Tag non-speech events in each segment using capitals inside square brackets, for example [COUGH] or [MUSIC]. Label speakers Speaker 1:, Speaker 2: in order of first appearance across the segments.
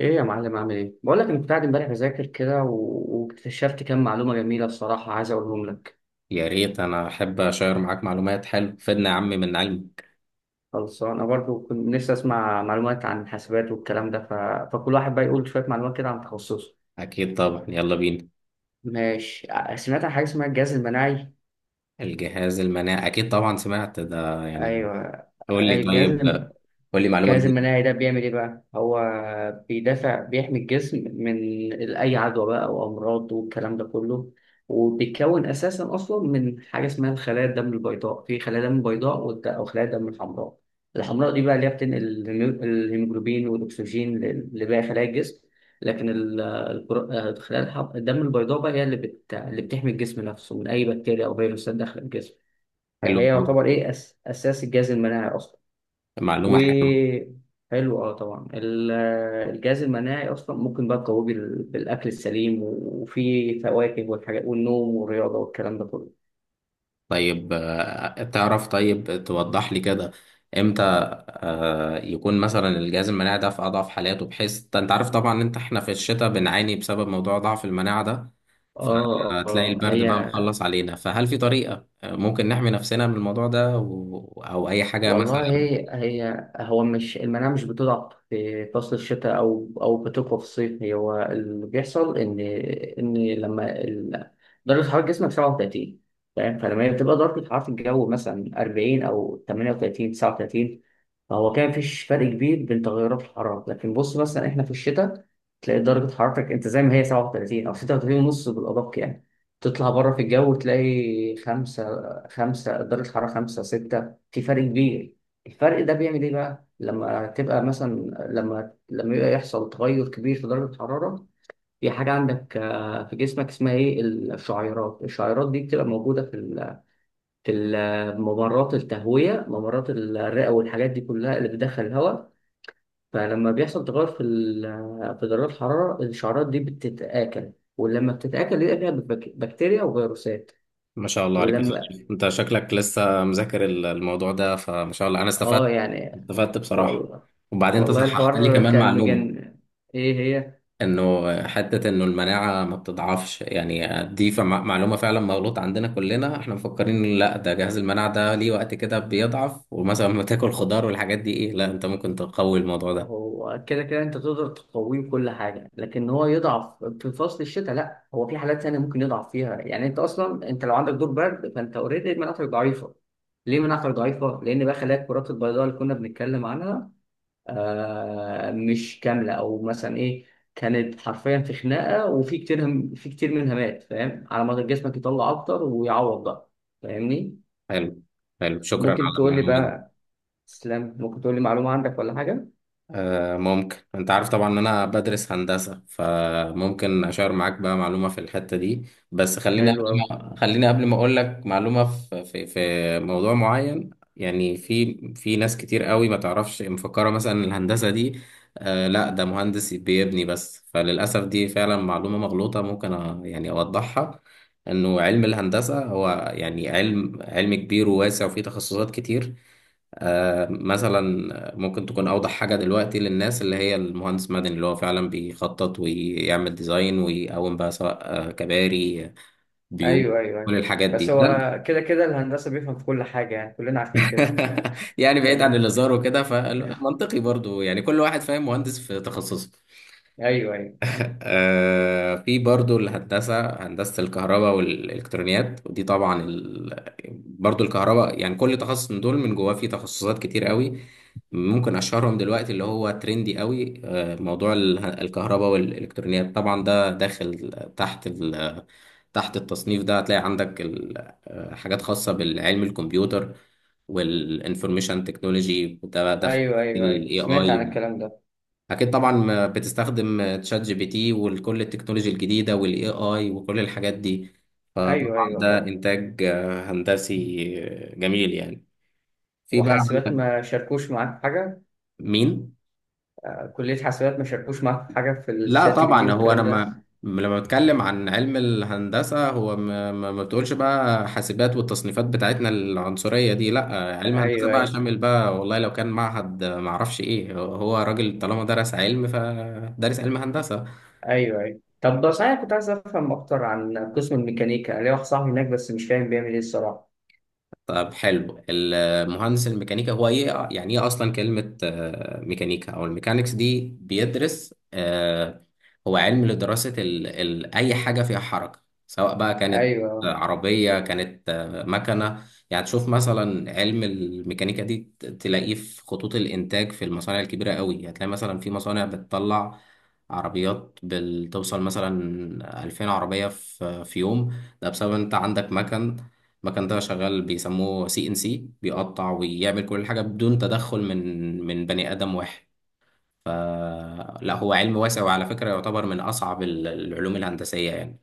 Speaker 1: ايه يا معلم، عامل ايه؟ بقول لك انا كنت قاعد امبارح بذاكر كده واكتشفت كام معلومه جميله الصراحه، عايز اقولهم لك.
Speaker 2: يا ريت انا احب اشير معاك معلومات حلو فدنا يا عم من علمي.
Speaker 1: خلاص انا برضو كنت نفسي اسمع معلومات عن الحاسبات والكلام ده فكل واحد بقى يقول شويه معلومات كده عن تخصصه.
Speaker 2: اكيد طبعا، يلا بينا.
Speaker 1: ماشي، سمعت عن حاجه اسمها الجهاز المناعي.
Speaker 2: الجهاز المناعي اكيد طبعا سمعت ده يعني.
Speaker 1: ايوه.
Speaker 2: قول لي
Speaker 1: أي الجهاز؟
Speaker 2: طيب،
Speaker 1: الجهاز
Speaker 2: قول لي معلومة جديدة.
Speaker 1: المناعي ده بيعمل ايه بقى؟ هو بيدافع، بيحمي الجسم من اي عدوى بقى او امراض والكلام ده كله. وبيتكون اساسا اصلا من حاجه اسمها الخلايا الدم البيضاء، في خلايا دم بيضاء او خلايا دم الحمراء. الحمراء دي بقى اللي هي بتنقل الهيموجلوبين والاكسجين لباقي خلايا الجسم. لكن خلايا الدم البيضاء بقى هي اللي بتحمي الجسم نفسه من اي بكتيريا او فيروسات داخل الجسم.
Speaker 2: حلوة
Speaker 1: فهي
Speaker 2: أوي.
Speaker 1: يعتبر ايه، اساس الجهاز المناعي اصلا. و
Speaker 2: معلومة حلوة.
Speaker 1: حلو، طبعا الجهاز المناعي اصلا ممكن بقى تقويه بالاكل السليم وفي فواكه والحاجات والنوم والرياضه والكلام ده كله.
Speaker 2: طيب تعرف طيب توضح لي كده امتى يكون مثلا الجهاز المناعي ده في اضعف حالاته، بحيث انت عارف طبعا ان انت احنا في الشتاء بنعاني بسبب موضوع ضعف المناعة ده. فتلاقي
Speaker 1: اه
Speaker 2: البرد بقى
Speaker 1: هي
Speaker 2: مخلص علينا، فهل في طريقة ممكن نحمي نفسنا من الموضوع ده او اي حاجة
Speaker 1: والله.
Speaker 2: مثلا؟
Speaker 1: هي هو، مش المناعة مش بتضعف في فصل الشتاء أو بتقوى في الصيف. هي هو اللي بيحصل، إن لما درجة حرارة جسمك 37، فاهم؟ فلما هي بتبقى درجة حرارة الجو مثلا 40 أو 38 39، فهو كان مفيش فرق كبير بين تغيرات الحرارة. لكن بص مثلا، إحنا في الشتاء تلاقي درجة حرارتك أنت زي ما هي 37 أو 36 ونص بالأدق يعني. تطلع بره في الجو تلاقي خمسة، درجة حرارة خمسة ستة، في فرق كبير. الفرق ده بيعمل ايه بقى لما تبقى مثلا، لما يبقى يحصل تغير كبير في درجة الحرارة، في حاجة عندك في جسمك اسمها ايه، الشعيرات دي بتبقى موجودة في ممرات التهوية، ممرات الرئة والحاجات دي كلها اللي بتدخل الهواء. فلما بيحصل تغير في في درجة الحرارة، الشعيرات دي بتتآكل. ولما بتتآكل يبقى فيها بكتيريا وفيروسات.
Speaker 2: ما شاء الله عليك يا
Speaker 1: ولما،
Speaker 2: صديقي، انت شكلك لسه مذاكر الموضوع ده، فما شاء الله انا استفدت،
Speaker 1: اه يعني
Speaker 2: استفدت بصراحة.
Speaker 1: والله.
Speaker 2: وبعدين انت
Speaker 1: والله
Speaker 2: صححت لي
Speaker 1: الحوار
Speaker 2: كمان
Speaker 1: كان
Speaker 2: معلومة،
Speaker 1: مجنن. ايه هي؟
Speaker 2: انه حته انه المناعه ما بتضعفش يعني، دي معلومه فعلا مغلوطه عندنا كلنا، احنا مفكرين لا ده جهاز المناعه ده ليه وقت كده بيضعف، ومثلا لما تاكل خضار والحاجات دي، ايه لا انت ممكن تقوي الموضوع ده.
Speaker 1: هو كده كده انت تقدر تقويه بكل حاجه، لكن هو يضعف في فصل الشتاء لا. هو في حالات ثانيه ممكن يضعف فيها، يعني انت اصلا، انت لو عندك دور برد فانت اوريدي مناعتك ضعيفه. ليه مناعتك ضعيفه؟ لان بقى خلايا الكرات البيضاء اللي كنا بنتكلم عنها مش كامله، او مثلا ايه، كانت حرفيا في خناقه وفي كتير، هم في كتير منها مات، فاهم؟ على ما جسمك يطلع اكتر ويعوض بقى. فاهمني؟
Speaker 2: حلو، حلو شكرا
Speaker 1: ممكن
Speaker 2: على
Speaker 1: تقول لي
Speaker 2: المعلومه دي.
Speaker 1: بقى، تسلم، ممكن تقول لي معلومة عندك ولا حاجة؟
Speaker 2: ممكن انت عارف طبعا ان انا بدرس هندسة، فممكن اشار معاك بقى معلومة في الحتة دي. بس خليني
Speaker 1: حلو
Speaker 2: قبل
Speaker 1: أوي.
Speaker 2: ما اقول لك معلومة في موضوع معين. يعني في ناس كتير قوي ما تعرفش، مفكرة مثلا إن الهندسة دي آه لا ده مهندس بيبني بس، فللأسف دي فعلا معلومة مغلوطة، ممكن يعني اوضحها انه علم الهندسة هو يعني علم، علم كبير وواسع وفيه تخصصات كتير. مثلا ممكن تكون أوضح حاجة دلوقتي للناس اللي هي المهندس مدني، اللي هو فعلا بيخطط ويعمل ديزاين ويقوم بقى، سواء كباري، بيوت،
Speaker 1: أيوه، أيوه،
Speaker 2: كل
Speaker 1: أيوه.
Speaker 2: الحاجات دي
Speaker 1: بس
Speaker 2: ده.
Speaker 1: هو كده كده الهندسة بيفهم في كل حاجة يعني، كلنا عارفين كده.
Speaker 2: [LAUGHS] يعني بعيد عن
Speaker 1: فاهم.
Speaker 2: الهزار وكده، فمنطقي برضو يعني كل واحد فاهم مهندس في تخصصه.
Speaker 1: أيوه، أيوه.
Speaker 2: [LAUGHS] في برضو الهندسة، هندسة الكهرباء والإلكترونيات، ودي طبعا برضو الكهرباء. يعني كل تخصص من دول من جواه فيه تخصصات كتير قوي. ممكن أشهرهم دلوقتي اللي هو ترندي قوي، موضوع الكهرباء والإلكترونيات. طبعا ده داخل تحت ال... تحت التصنيف ده هتلاقي عندك حاجات خاصة بالعلم الكمبيوتر والانفورميشن تكنولوجي، ده داخل
Speaker 1: أيوه، أيوه،
Speaker 2: ال
Speaker 1: أيوه، سمعت
Speaker 2: AI.
Speaker 1: عن الكلام ده.
Speaker 2: اكيد طبعا ما بتستخدم تشات جي بي تي وكل التكنولوجيا الجديده والاي اي وكل الحاجات دي.
Speaker 1: أيوه، أيوه،
Speaker 2: ده
Speaker 1: طبعا.
Speaker 2: انتاج هندسي، جميل يعني. في بقى
Speaker 1: وحاسبات
Speaker 2: عندك.
Speaker 1: ما شاركوش معاك في حاجة؟
Speaker 2: مين؟
Speaker 1: كلية حاسبات ما شاركوش معاك في حاجة في
Speaker 2: لا
Speaker 1: الشات جي بي تي
Speaker 2: طبعا هو انا
Speaker 1: والكلام ده؟
Speaker 2: ما لما بتكلم عن علم الهندسه، هو ما بتقولش بقى حاسبات والتصنيفات بتاعتنا العنصريه دي. لا علم هندسه
Speaker 1: أيوه،
Speaker 2: بقى
Speaker 1: أيوه.
Speaker 2: شامل بقى، والله لو كان معهد، ما اعرفش ايه، هو هو راجل طالما درس علم فدرس علم هندسه.
Speaker 1: أيوه، أيوه، طب ده صحيح، كنت عايز أفهم أكتر عن قسم الميكانيكا، ليا واحد صاحبي هناك بس مش فاهم بيعمل إيه الصراحة.
Speaker 2: طب حلو، المهندس الميكانيكا هو ايه، يعني ايه اصلا كلمة ميكانيكا او الميكانيكس دي؟ بيدرس هو علم لدراسة ال ال اي حاجة فيها حركة، سواء بقى كانت
Speaker 1: أيوه
Speaker 2: عربية، كانت مكنة. يعني تشوف مثلا علم الميكانيكا دي تلاقيه في خطوط الانتاج في المصانع الكبيرة قوي. هتلاقي مثلا في مصانع بتطلع عربيات، بتوصل مثلا 2000 عربية في يوم. ده بسبب انت عندك مكن، المكن ده شغال بيسموه سي ان سي، بيقطع ويعمل كل حاجة بدون تدخل من بني آدم واحد. فلا هو علم واسع، وعلى فكرة يعتبر من أصعب العلوم الهندسية يعني.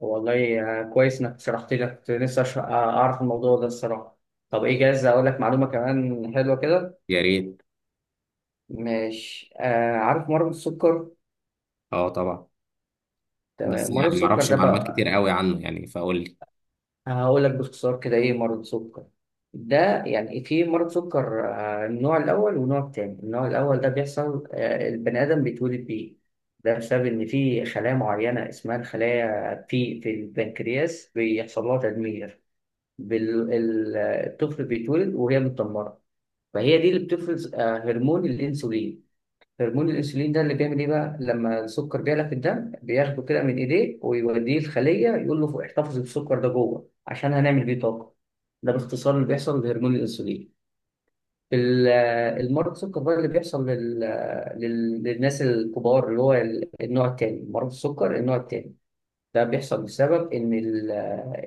Speaker 1: والله، كويس انك شرحت لي، كنت لسه اعرف الموضوع ده الصراحه. طب ايه، جاهز اقول لك معلومه كمان حلوه كده؟
Speaker 2: يا ريت.
Speaker 1: مش عارف مرض السكر؟
Speaker 2: اه طبعا، بس
Speaker 1: تمام، مرض
Speaker 2: يعني
Speaker 1: السكر
Speaker 2: معرفش
Speaker 1: ده
Speaker 2: معلومات كتير
Speaker 1: بقى،
Speaker 2: قوي عنه يعني، فقول لي.
Speaker 1: هقول لك باختصار كده ايه مرض السكر. ده يعني في مرض سكر، النوع الاول والنوع التاني. النوع الاول ده بيحصل، البني ادم بيتولد بيه. ده بسبب ان في خلايا معينه اسمها الخلايا في البنكرياس بيحصل لها تدمير، بال... ال- الطفل بيتولد وهي متدمرة. فهي دي اللي بتفرز هرمون الأنسولين. هرمون الأنسولين ده اللي بيعمل إيه بقى؟ لما السكر بيعلى في الدم بياخده كده من إيديه ويوديه الخلية، يقول له احتفظ بالسكر ده جوه عشان هنعمل بيه طاقة. ده باختصار اللي بيحصل بهرمون الأنسولين. المرض السكر بقى اللي بيحصل للناس الكبار، اللي هو النوع التاني، مرض السكر النوع التاني. ده بيحصل بسبب ان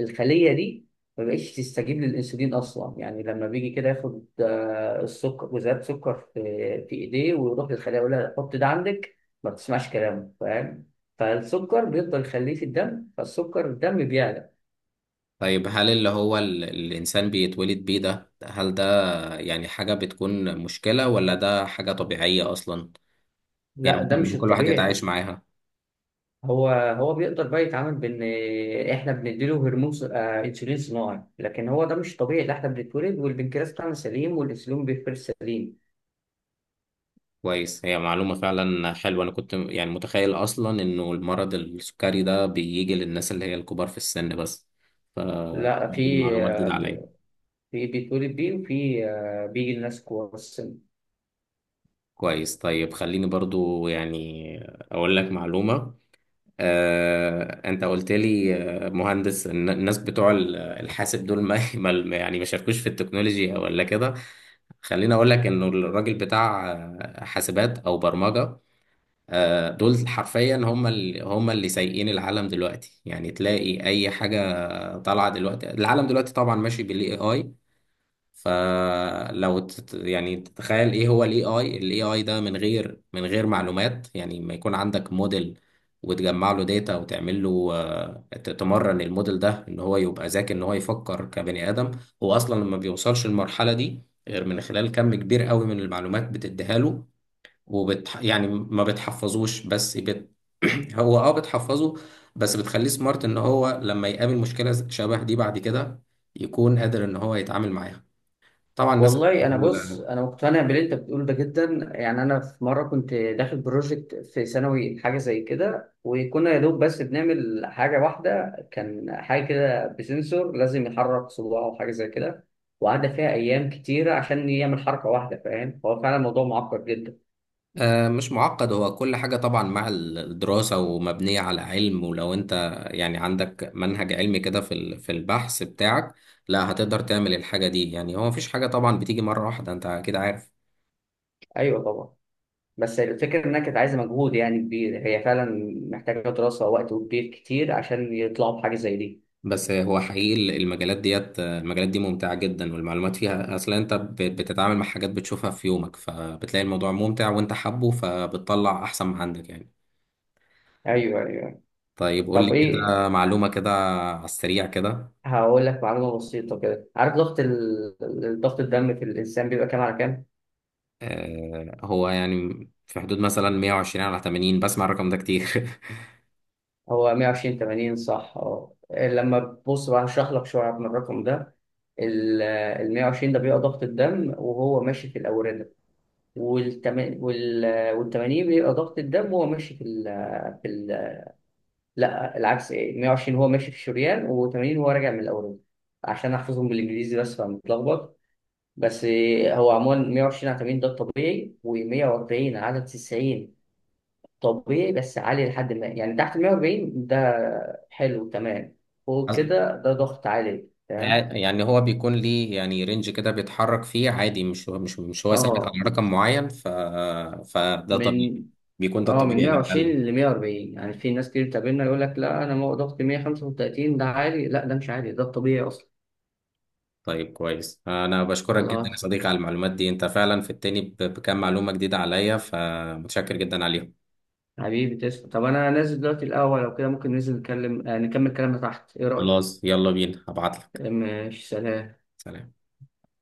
Speaker 1: الخليه دي ما بقتش تستجيب للانسولين اصلا. يعني لما بيجي كده ياخد، السكر، جزيئات سكر في ايديه، ويروح للخليه يقول لها حط ده عندك، ما بتسمعش كلامه، فاهم؟ فالسكر بيفضل يخليه في الدم، فالسكر الدم بيعلى.
Speaker 2: طيب، هل اللي هو الإنسان بيتولد بيه ده، هل ده يعني حاجة بتكون مشكلة، ولا ده حاجة طبيعية أصلا؟ يعني
Speaker 1: لا، ده
Speaker 2: ممكن،
Speaker 1: مش
Speaker 2: كل واحد يتعايش
Speaker 1: الطبيعي.
Speaker 2: معاها؟
Speaker 1: هو هو بيقدر بقى يتعامل بان احنا بنديله هرمون انسولين صناعي، لكن هو ده مش طبيعي. ده احنا بنتولد والبنكرياس بتاعنا سليم والانسولين بيفرز سليم.
Speaker 2: كويس، هي معلومة فعلا حلوة. أنا كنت يعني متخيل أصلا إنه المرض السكري ده بيجي للناس اللي هي الكبار في السن بس، ف
Speaker 1: لا،
Speaker 2: دي
Speaker 1: في
Speaker 2: معلومة جديدة عليا.
Speaker 1: في بيتولد بيه، وفي بيجي لناس كبار السن.
Speaker 2: كويس، طيب خليني برضو يعني أقول لك معلومة. أنت قلت لي مهندس الناس بتوع الحاسب دول ما [LAUGHS] يعني ما شاركوش في التكنولوجيا ولا كده. خليني أقول لك إنه الراجل بتاع حاسبات أو برمجة، دول حرفيا هم اللي، سايقين العالم دلوقتي. يعني تلاقي اي حاجه طالعه دلوقتي، العالم دلوقتي طبعا ماشي بالاي اي. فلو يعني تتخيل ايه هو الاي اي، الاي اي ده من غير، معلومات يعني، ما يكون عندك موديل وتجمع له داتا وتعمل له، تمرن الموديل ده ان هو يبقى ذكي، ان هو يفكر كبني ادم. هو اصلا ما بيوصلش للمرحله دي غير من خلال كم كبير قوي من المعلومات بتديها له. يعني ما بتحفظوش بس [CLEARS THROAT] هو اه بتحفظه، بس بتخليه سمارت ان هو لما يقابل مشكلة شبه دي بعد كده يكون قادر ان هو يتعامل معاها. طبعا الناس
Speaker 1: والله انا بص،
Speaker 2: بتقول،
Speaker 1: انا مقتنع باللي انت بتقوله ده جدا يعني. انا في مره كنت داخل بروجكت في ثانوي حاجه زي كده، وكنا يا دوب بس بنعمل حاجه واحده، كان حاجه كده بسنسور لازم يحرك صباعه او حاجه زي كده، وقعد فيها ايام كتيره عشان يعمل حركه واحده، فاهم؟ هو فعلا الموضوع معقد جدا.
Speaker 2: مش معقد، هو كل حاجة طبعا مع الدراسة ومبنية على علم. ولو انت يعني عندك منهج علمي كده في في البحث بتاعك، لا هتقدر تعمل الحاجة دي. يعني هو مفيش حاجة طبعا بتيجي مرة واحدة، انت كده عارف.
Speaker 1: ايوه طبعا. بس الفكرة إنها كانت عايزة مجهود يعني كبير هي فعلا، محتاجة دراسة ووقت وكبير كتير عشان يطلعوا بحاجة زي دي.
Speaker 2: بس هو حقيقي المجالات ديت، المجالات دي ممتعة جدا، والمعلومات فيها أصلا أنت بتتعامل مع حاجات بتشوفها في يومك، فبتلاقي الموضوع ممتع وأنت حابه، فبتطلع أحسن ما عندك يعني.
Speaker 1: أيوه، أيوه.
Speaker 2: طيب، قول لي
Speaker 1: طب ايه،
Speaker 2: كده معلومة كده، على السريع كده.
Speaker 1: هقول لك معلومه بسيطه كده. عارف ضغط الضغط الدم في الانسان بيبقى كام على كام؟
Speaker 2: آه هو يعني في حدود مثلا 120 على 80، بسمع الرقم ده كتير.
Speaker 1: هو 120 80 صح. اه إيه، لما تبص بقى هشرح لك شويه من الرقم ده. ال 120 ده بيبقى ضغط الدم وهو ماشي في الاورده. وال وال وال 80 بيبقى ضغط الدم وهو ماشي في ال في ال لا العكس، ايه، 120 هو ماشي في الشريان و80 هو راجع من الاورده، عشان احفظهم بالانجليزي بس فمتلخبط بس. هو عموما 120 على 80 ده الطبيعي، و140 على 90 طبيعي بس عالي لحد ما. يعني تحت ال 140 ده حلو تمام،
Speaker 2: [LAUGHS]
Speaker 1: فوق
Speaker 2: أص-
Speaker 1: كده ده ضغط عالي تمام.
Speaker 2: يعني هو بيكون ليه يعني رينج كده بيتحرك فيه عادي، مش هو مش مش هو ثابت
Speaker 1: اه
Speaker 2: على رقم معين. فده طبيعي،
Speaker 1: من
Speaker 2: بيكون ده
Speaker 1: اه من
Speaker 2: الطبيعي يعني.
Speaker 1: 120 ل 140، يعني في ناس كتير بتقابلنا يقول لك لا انا ضغطي 135 ده عالي، لا ده مش عالي ده الطبيعي اصلا.
Speaker 2: طيب كويس، انا بشكرك جدا يا
Speaker 1: خلاص،
Speaker 2: صديقي على المعلومات دي. انت فعلا في التاني بكام معلومة جديدة عليا، فمتشكر جدا عليهم.
Speaker 1: حبيبي تسلم. طب انا نازل دلوقتي الاول، لو كده ممكن ننزل نتكلم، نكمل كلامنا تحت، ايه رايك؟
Speaker 2: خلاص، يلا بينا هبعت لك.
Speaker 1: ماشي، سلام.
Speaker 2: سلام.